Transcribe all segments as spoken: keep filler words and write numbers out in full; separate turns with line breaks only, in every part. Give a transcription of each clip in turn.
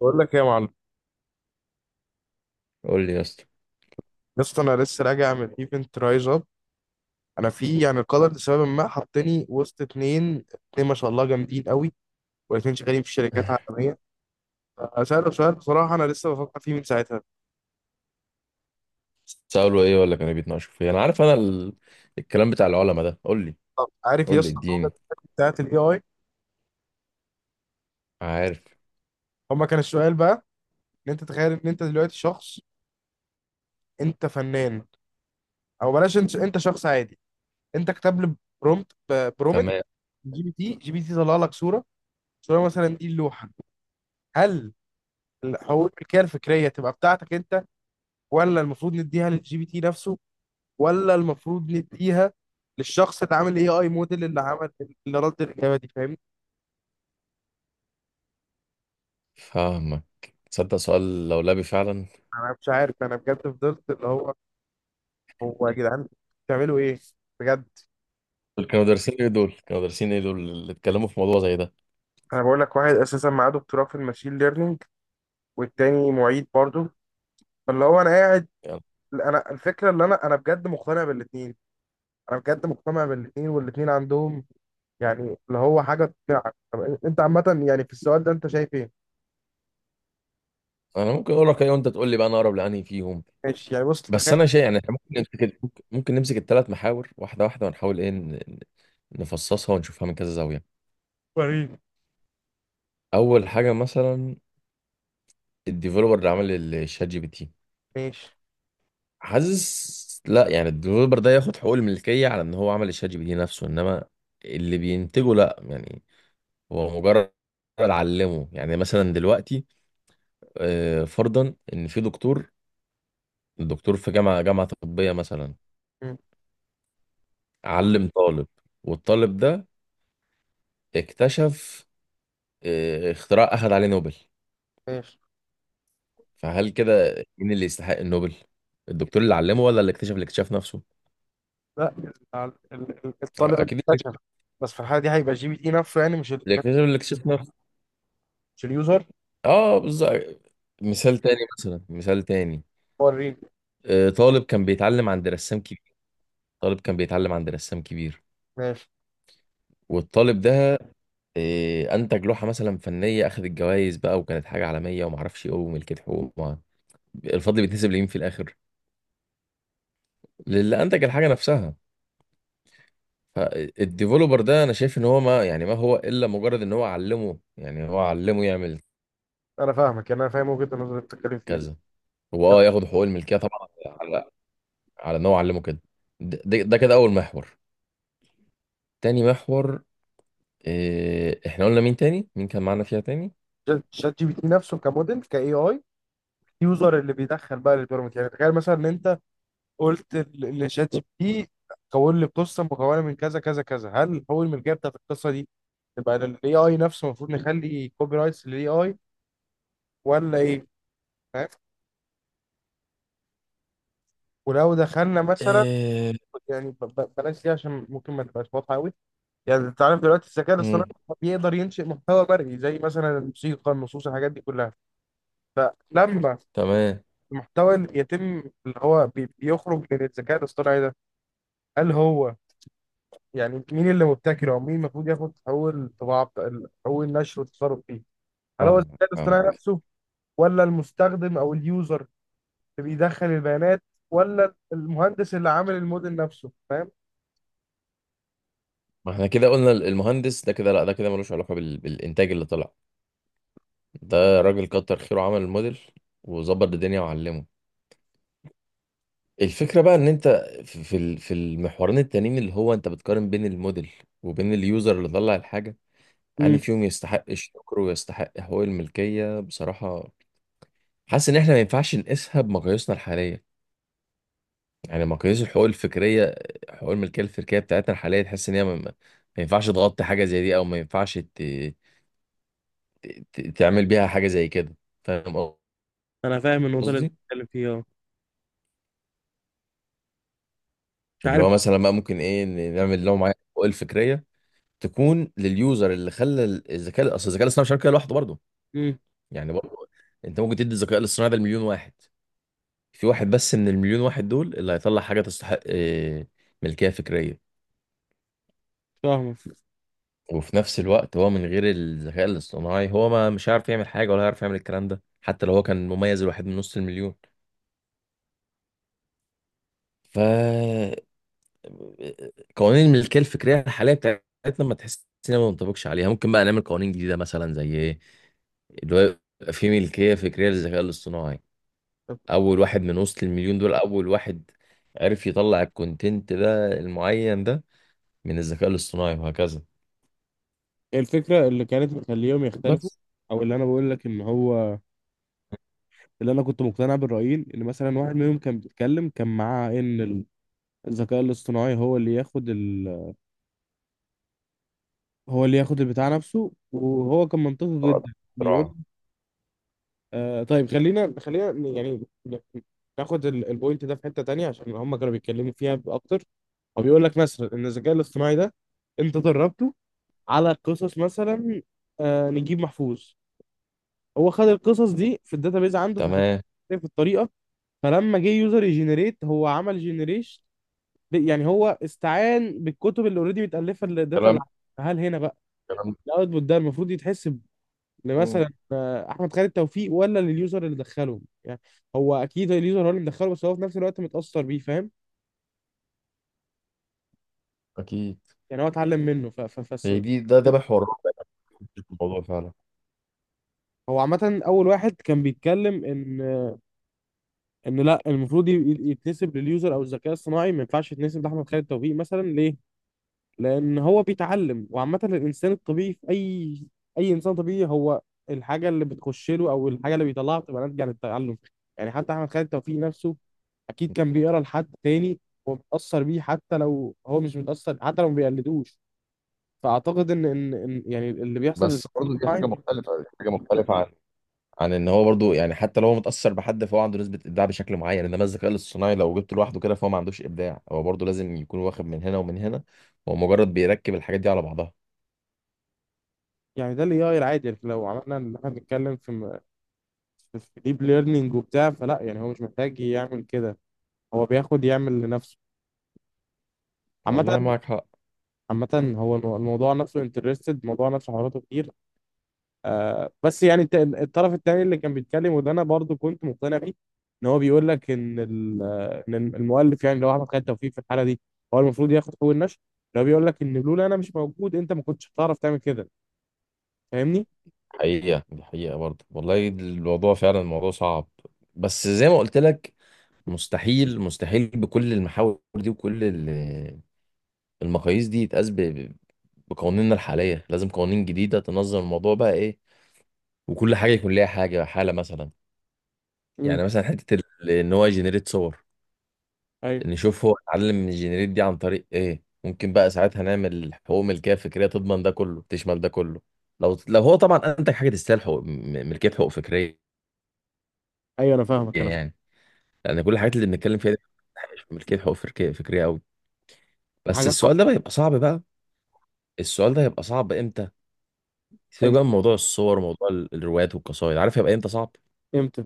بقول لك ايه يا معلم.
قول لي يا اسطى.
يا اسطى انا لسه راجع من ايفنت رايز اب. انا في يعني القدر لسبب ما حطني وسط اتنين اتنين ما شاء الله جامدين قوي، والاتنين شغالين في شركات عالميه. سألوا سؤال، بصراحه انا لسه بفكر فيه من ساعتها.
سألوا ايه ولا كانوا بيتناقشوا في إيه؟ انا عارف انا ال... الكلام بتاع العلماء ده قول لي.
طب عارف يا
قول لي
اسطى الجملة
اديني.
بتاعت الاي اي؟
عارف.
هما كان السؤال بقى ان انت، تخيل ان انت دلوقتي شخص، انت فنان، او بلاش، انت انت شخص عادي، انت كتب لي برومت برومت
تمام.
جي بي تي. جي بي تي طلع لك صوره، صوره مثلا دي اللوحه. هل الحقوق الملكيه الفكريه تبقى بتاعتك انت، ولا المفروض نديها للجي بي تي نفسه، ولا المفروض نديها للشخص اللي عامل اي اي موديل، اللي عمل اللي رد الاجابه دي؟ فاهمني؟
فاهمك. تصدق سؤال لولبي فعلا.
انا مش عارف، انا بجد فضلت اللي هو هو يا جدعان بتعملوا ايه؟ بجد.
دول كانوا دارسين ايه دول كانوا دارسين ايه؟ دول اللي اتكلموا في موضوع زي ده؟
انا بقول لك، واحد اساسا معاه دكتوراه في الماشين ليرنينج، والتاني معيد برضه. فاللي هو انا قاعد
يعني
انا الفكره اللي انا انا بجد مقتنع بالاثنين. انا بجد مقتنع بالاثنين، والاثنين عندهم يعني اللي هو حاجه تقنعك. طب انت عامه يعني في السؤال ده انت شايف ايه؟
انا ممكن اقول لك ايه وانت تقول لي بقى انا اقرب لانهي فيهم.
ماشي، يعني بص
بس
تخيل.
انا شايف يعني احنا ممكن نمسك ممكن ممكن نمسك الثلاث محاور واحده واحده ونحاول ايه ن- ن- نفصصها ونشوفها من كذا زاويه.
وريني.
اول حاجه مثلا الديفلوبر اللي عمل الشات جي بي تي،
ماشي.
حاسس لا يعني الديفلوبر ده ياخد حقوق الملكية على ان هو عمل الشات جي بي تي نفسه، انما اللي بينتجه لا، يعني هو مجرد علمه. يعني مثلا دلوقتي آه، فرضا ان في دكتور، الدكتور في جامعة جامعة طبية مثلا علم طالب، والطالب ده اكتشف آه، اختراع اخذ عليه نوبل.
ماشي.
فهل كده مين اللي يستحق النوبل؟ الدكتور اللي علمه ولا اللي اكتشف الاكتشاف نفسه؟
لا، ال- ال- ال- الطالب اللي
اكيد اللي،
اكتشف. بس في الحالة دي هيبقى جي بي تي نفسه، يعني مش ال-
اللي اكتشف الاكتشاف نفسه.
مش اليوزر.
اه بالظبط. مثال تاني مثلا، مثال تاني،
هو الريل.
آه، طالب كان بيتعلم عند رسام كبير، طالب كان بيتعلم عند رسام كبير،
ماشي.
والطالب ده آه، انتج لوحه مثلا فنيه اخذت الجوائز بقى وكانت حاجه عالميه وما اعرفش ايه وملكت حقوق وما- الفضل بيتنسب لمين في الاخر؟ للي انتج الحاجه نفسها. فالديفلوبر ده انا شايف ان هو ما يعني ما هو الا مجرد ان هو علمه، يعني هو علمه يعمل
انا فاهمك، يعني انا فاهم وجهة النظر اللي بتتكلم فيها.
كذا. هو
طب
اه ياخد حقوق الملكيه طبعا على على ان هو علمه كده. ده ده- ده كده اول محور. تاني محور، إيه احنا قلنا مين تاني؟ مين كان معانا فيها تاني؟
ج- شات جي بي تي نفسه كموديل كاي اي، يوزر اللي بيدخل بقى البيراميد. يعني تخيل مثلا ان انت قلت ل- لشات جي بي تي كون لي قصه مكونه من كذا كذا كذا، هل هو الملكيه بتاعت القصه دي تبقى للاي اي نفسه؟ المفروض نخلي كوبي رايتس للاي اي ولا ايه؟ فاهم؟ ولو دخلنا مثلا،
آه،
يعني ب- ب- بلاش دي عشان ممكن ما تبقاش واضحه قوي. يعني انت عارف دلوقتي الذكاء الاصطناعي
مم.
بيقدر ينشئ محتوى مرئي، زي مثلا الموسيقى، النصوص، الحاجات دي كلها. فلما
تمام.
المحتوى اللي يتم اللي هو بي- بيخرج من الذكاء الاصطناعي ده، هل هو، يعني مين اللي مبتكره، او مين المفروض ياخد اول طباعه بتاع- اول نشر والتصرف فيه؟ هل هو
فاهمك
الذكاء الاصطناعي
فاهمك.
نفسه، ولا المستخدم او اليوزر اللي بيدخل البيانات، ولا المهندس اللي عامل الموديل نفسه؟ فاهم؟
ما احنا كده قلنا ال- المهندس ده كده لا، ده كده ملوش علاقة بال... بالإنتاج اللي طلع. ده راجل كتر خيره عمل الموديل وظبط الدنيا وعلمه. الفكرة بقى ان انت في في ال- في المحورين التانيين اللي هو انت بتقارن بين الموديل وبين اليوزر اللي طلع الحاجة. يعني
امم.
فيهم يستحق الشكر ويستحق حقوق الملكية بصراحة؟ حاسس ان احنا ما ينفعش نقيسها بمقاييسنا الحالية. يعني ما قياس الحقوق الفكريه، حقوق الملكيه الفكريه بتاعتنا الحاليه تحس ان هي ما, ما ما ينفعش تغطي حاجه زي دي او ما ينفعش ت... ت... ت- تعمل بيها حاجه زي كده. فاهم
انا فاهم النقطه اللي انت
قصدي؟
بتتكلم فيها، اه. مش
اللي
عارف.
هو مثلا بقى ممكن ايه ن- نعمل لهم معايا الحقوق الفكريه تكون لليوزر اللي خلى ال- الذكاء، اصل الذكاء الاصطناعي مش هيعمل كده لوحده برضه.
امم.
يعني برضه انت ممكن تدي الذكاء الاصطناعي ده لمليون واحد، في واحد بس من المليون واحد دول اللي هيطلع حاجه تستحق إيه، ملكيه فكريه.
فاهمك.
وفي نفس الوقت هو من غير الذكاء الاصطناعي هو ما مش عارف يعمل حاجة ولا هيعرف يعمل الكلام ده، حتى لو هو كان مميز الواحد من نص المليون. ف قوانين الملكية الفكرية الحالية بتاعتنا ما تحس إنها ما بنطبقش عليها. ممكن بقى نعمل قوانين جديدة مثلا زي ايه؟ اللي هو يبقى في ملكية فكرية للذكاء الاصطناعي.
طب
أول واحد من وسط المليون دول، أول واحد عرف يطلع الكونتنت ده المعين ده من الذكاء الاصطناعي، وهكذا.
الفكره اللي كانت مخليهم يختلفوا،
بس
او اللي انا بقول لك ان هو، اللي انا كنت مقتنع بالرايين، ان مثلا واحد منهم كان بيتكلم، كان معاه ان الذكاء الاصطناعي هو اللي ياخد ال... هو اللي ياخد البتاع نفسه، وهو كان منطقي
هو ده
جدا بيقول.
اختراع.
آه طيب خلينا، خلينا ن- يعني ن- ناخد ال- البوينت ده في حته تانية عشان هم كانوا بيتكلموا فيها اكتر. هو بيقول لك مثلا ان الذكاء الاصطناعي ده انت دربته على قصص، مثلا آه نجيب محفوظ. هو خد القصص دي في الداتابيز عنده فخدها
تمام.
في الطريقه. فلما جه يوزر يجنريت، هو عمل جنريشن، يعني هو استعان بالكتب اللي اوريدي متالفه للداتا اللي
كلام.
عنده. هل هنا بقى
كلام.
الاوتبوت ده المفروض يتحسب لمثلا آه، احمد خالد توفيق، ولا لليوزر اللي دخله؟ يعني هو اكيد اليوزر هو اللي مدخله، بس هو في نفس الوقت متاثر بيه، فاهم؟
اكيد.
يعني هو اتعلم منه ف ف فالس-
هي دي، ده ده محور الرابع في الموضوع فعلا.
هو عامة. أول واحد كان بيتكلم إن، إن لا، المفروض ي- ي- يتنسب لليوزر أو الذكاء الصناعي، ما ينفعش يتنسب لأحمد خالد توفيق مثلا، ليه؟ لان هو بيتعلم. وعامه الانسان الطبيعي في اي اي انسان طبيعي، هو الحاجه اللي بتخش له او الحاجه اللي بيطلعها بتبقى ناتجه عن التعلم. يعني حتى احمد خالد توفيق نفسه اكيد كان بيقرا لحد تاني، ومتاثر بيه حتى لو هو مش متاثر، حتى لو ما بيقلدوش. فاعتقد ان ان إن يعني اللي بيحصل في
بس
الذكاء
برضه دي حاجه
الاصطناعي،
مختلفه، دي حاجه مختلفه عن عن ان هو برضه يعني حتى لو هو متاثر بحد فهو عنده نسبه ابداع بشكل معين، انما الذكاء الاصطناعي لو جبته لوحده كده فهو ما عندوش ابداع، هو برضه لازم يكون واخد من هنا ومن هنا. هو مجرد بيركب الحاجات دي على بعضها.
يعني ده الاي اي العادي. يعني لو عملنا اللي احنا بنتكلم في م- في ديب ليرنينج وبتاع، فلا يعني هو مش محتاج يعمل كده، هو بياخد يعمل لنفسه. عامة.
والله معاك حق.
عامة هو المو- الموضوع نفسه انترستد، الموضوع نفسه حواراته كتير. آه بس يعني الت- الطرف التاني اللي كان بيتكلم، وده انا برضو كنت مقتنع بيه، ان هو بيقول لك ان ال- آه، ان المؤلف، يعني لو احمد خالد توفيق في الحاله دي، هو المفروض ياخد حقوق النشر. لو بيقول لك ان لولا انا مش موجود، انت ما كنتش هتعرف تعمل كده. فاهمني؟
حقيقه دي حقيقه برضه، والله الموضوع فعلا الموضوع صعب. بس زي ما قلت لك، مستحيل مستحيل بكل المحاور دي وكل ال- المقاييس دي يتقاس ب- بقوانيننا الحالية. لازم قوانين جديدة تنظم الموضوع بقى ايه، وكل حاجة يكون ليها حاجة حالة مثلا.
امم.
يعني مثلا حتة ال- ان هو يجنريت صور،
ايوه.
نشوف هو اتعلم من الجنريت دي عن طريق ايه. ممكن بقى ساعتها نعمل حقوق ملكية فكرية تضمن ده كله، تشمل ده كله. لو لو هو طبعا انتج حاجة تستاهل حقوق م- ملكية حقوق فكرية.
ايوه انا فاهمك، انا فاهمك.
يعني لأن كل الحاجات اللي بنتكلم فيها دي مش ملكية حقوق فكرية فكرية قوي. بس
حاجه.
السؤال ده بقى يبقى صعب بقى. السؤال ده هيبقى صعب امتى؟ سيبك بقى
امتى؟
من موضوع الصور وموضوع ال- الروايات والقصائد. عارف هيبقى امتى صعب؟
امتى؟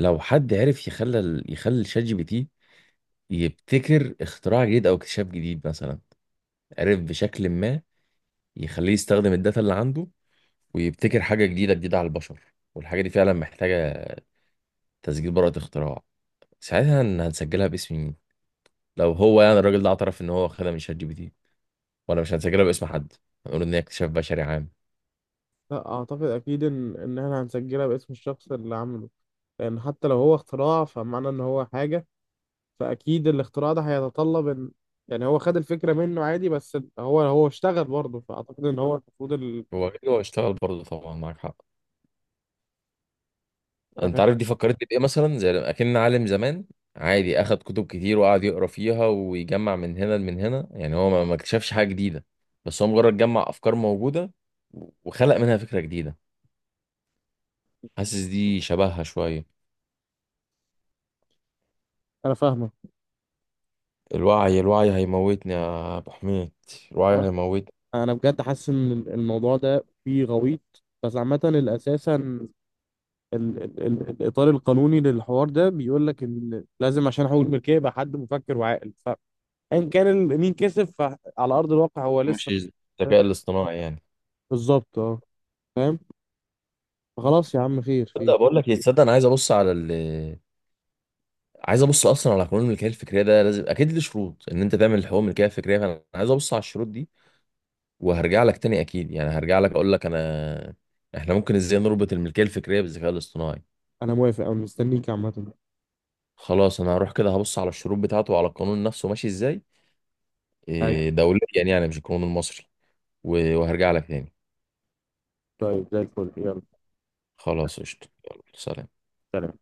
لو حد عرف يخلى ال- يخلي الشات جي بي تي يبتكر اختراع جديد او اكتشاف جديد مثلا، عرف بشكل ما يخليه يستخدم الداتا اللي عنده ويبتكر حاجه جديده جديده على البشر، والحاجه دي فعلا محتاجه تسجيل براءه اختراع. ساعتها هن- هنسجلها باسم مين؟ لو هو يعني الراجل ده اعترف ان هو خدها من شات جي بي تي، ولا مش هنسجلها باسم حد؟ هنقول ان هي اكتشاف بشري عام؟
لا، اعتقد اكيد ان ان احنا هنسجلها باسم الشخص اللي عامله. لان حتى لو هو اختراع، فمعنى ان هو حاجة، فاكيد الاختراع ده هيتطلب ان، يعني هو خد الفكره منه عادي، بس هو هو اشتغل برضه، فاعتقد ان هو المفروض ال...
هو أكيد هو اشتغل برضه طبعا، معاك حق.
انا
انت
فاهم.
عارف دي فكرتني بايه؟ مثلا زي لما اكن عالم زمان، عادي اخد كتب كتير وقعد يقرا فيها ويجمع من هنا لمن هنا، يعني هو ما ما اكتشفش حاجه جديده، بس هو مجرد جمع افكار موجوده وخلق منها فكره جديده. حاسس دي شبهها شويه.
انا فاهمه.
الوعي، الوعي هيموتني يا ابو حميد، الوعي هيموتني.
انا بجد حاسس ان الموضوع ده فيه غويط. بس عامه الاساسا ال... ال... ال... الاطار القانوني للحوار ده بيقول لك ان لازم عشان حقوق الملكيه يبقى حد مفكر وعاقل. فان كان ال... مين كسب فعلى ارض الواقع هو
مش
لسه.
الذكاء الاصطناعي يعني.
بالظبط، اه. فاهم. خلاص يا عم، خير
تصدق
خير.
بقول لك ايه، تصدق انا عايز ابص على ال، عايز ابص اصلا على قانون الملكيه الفكريه ده. لازم اكيد ليه شروط ان انت تعمل حقوق ملكيه فكريه، فانا عايز ابص على الشروط دي وهرجع لك تاني اكيد. يعني هرجع لك اقول لك انا احنا ممكن ازاي نربط الملكيه الفكريه بالذكاء الاصطناعي.
انا موافق، انا مستنيك عامه.
خلاص انا هروح كده هبص على الشروط بتاعته وعلى القانون نفسه ماشي ازاي،
ايوه.
إيه، دوليا يعني مش القانون المصري. و- وهرجع لك تاني.
طيب زي الفل، يلا.
خلاص قشطه، يلا سلام.
سلام.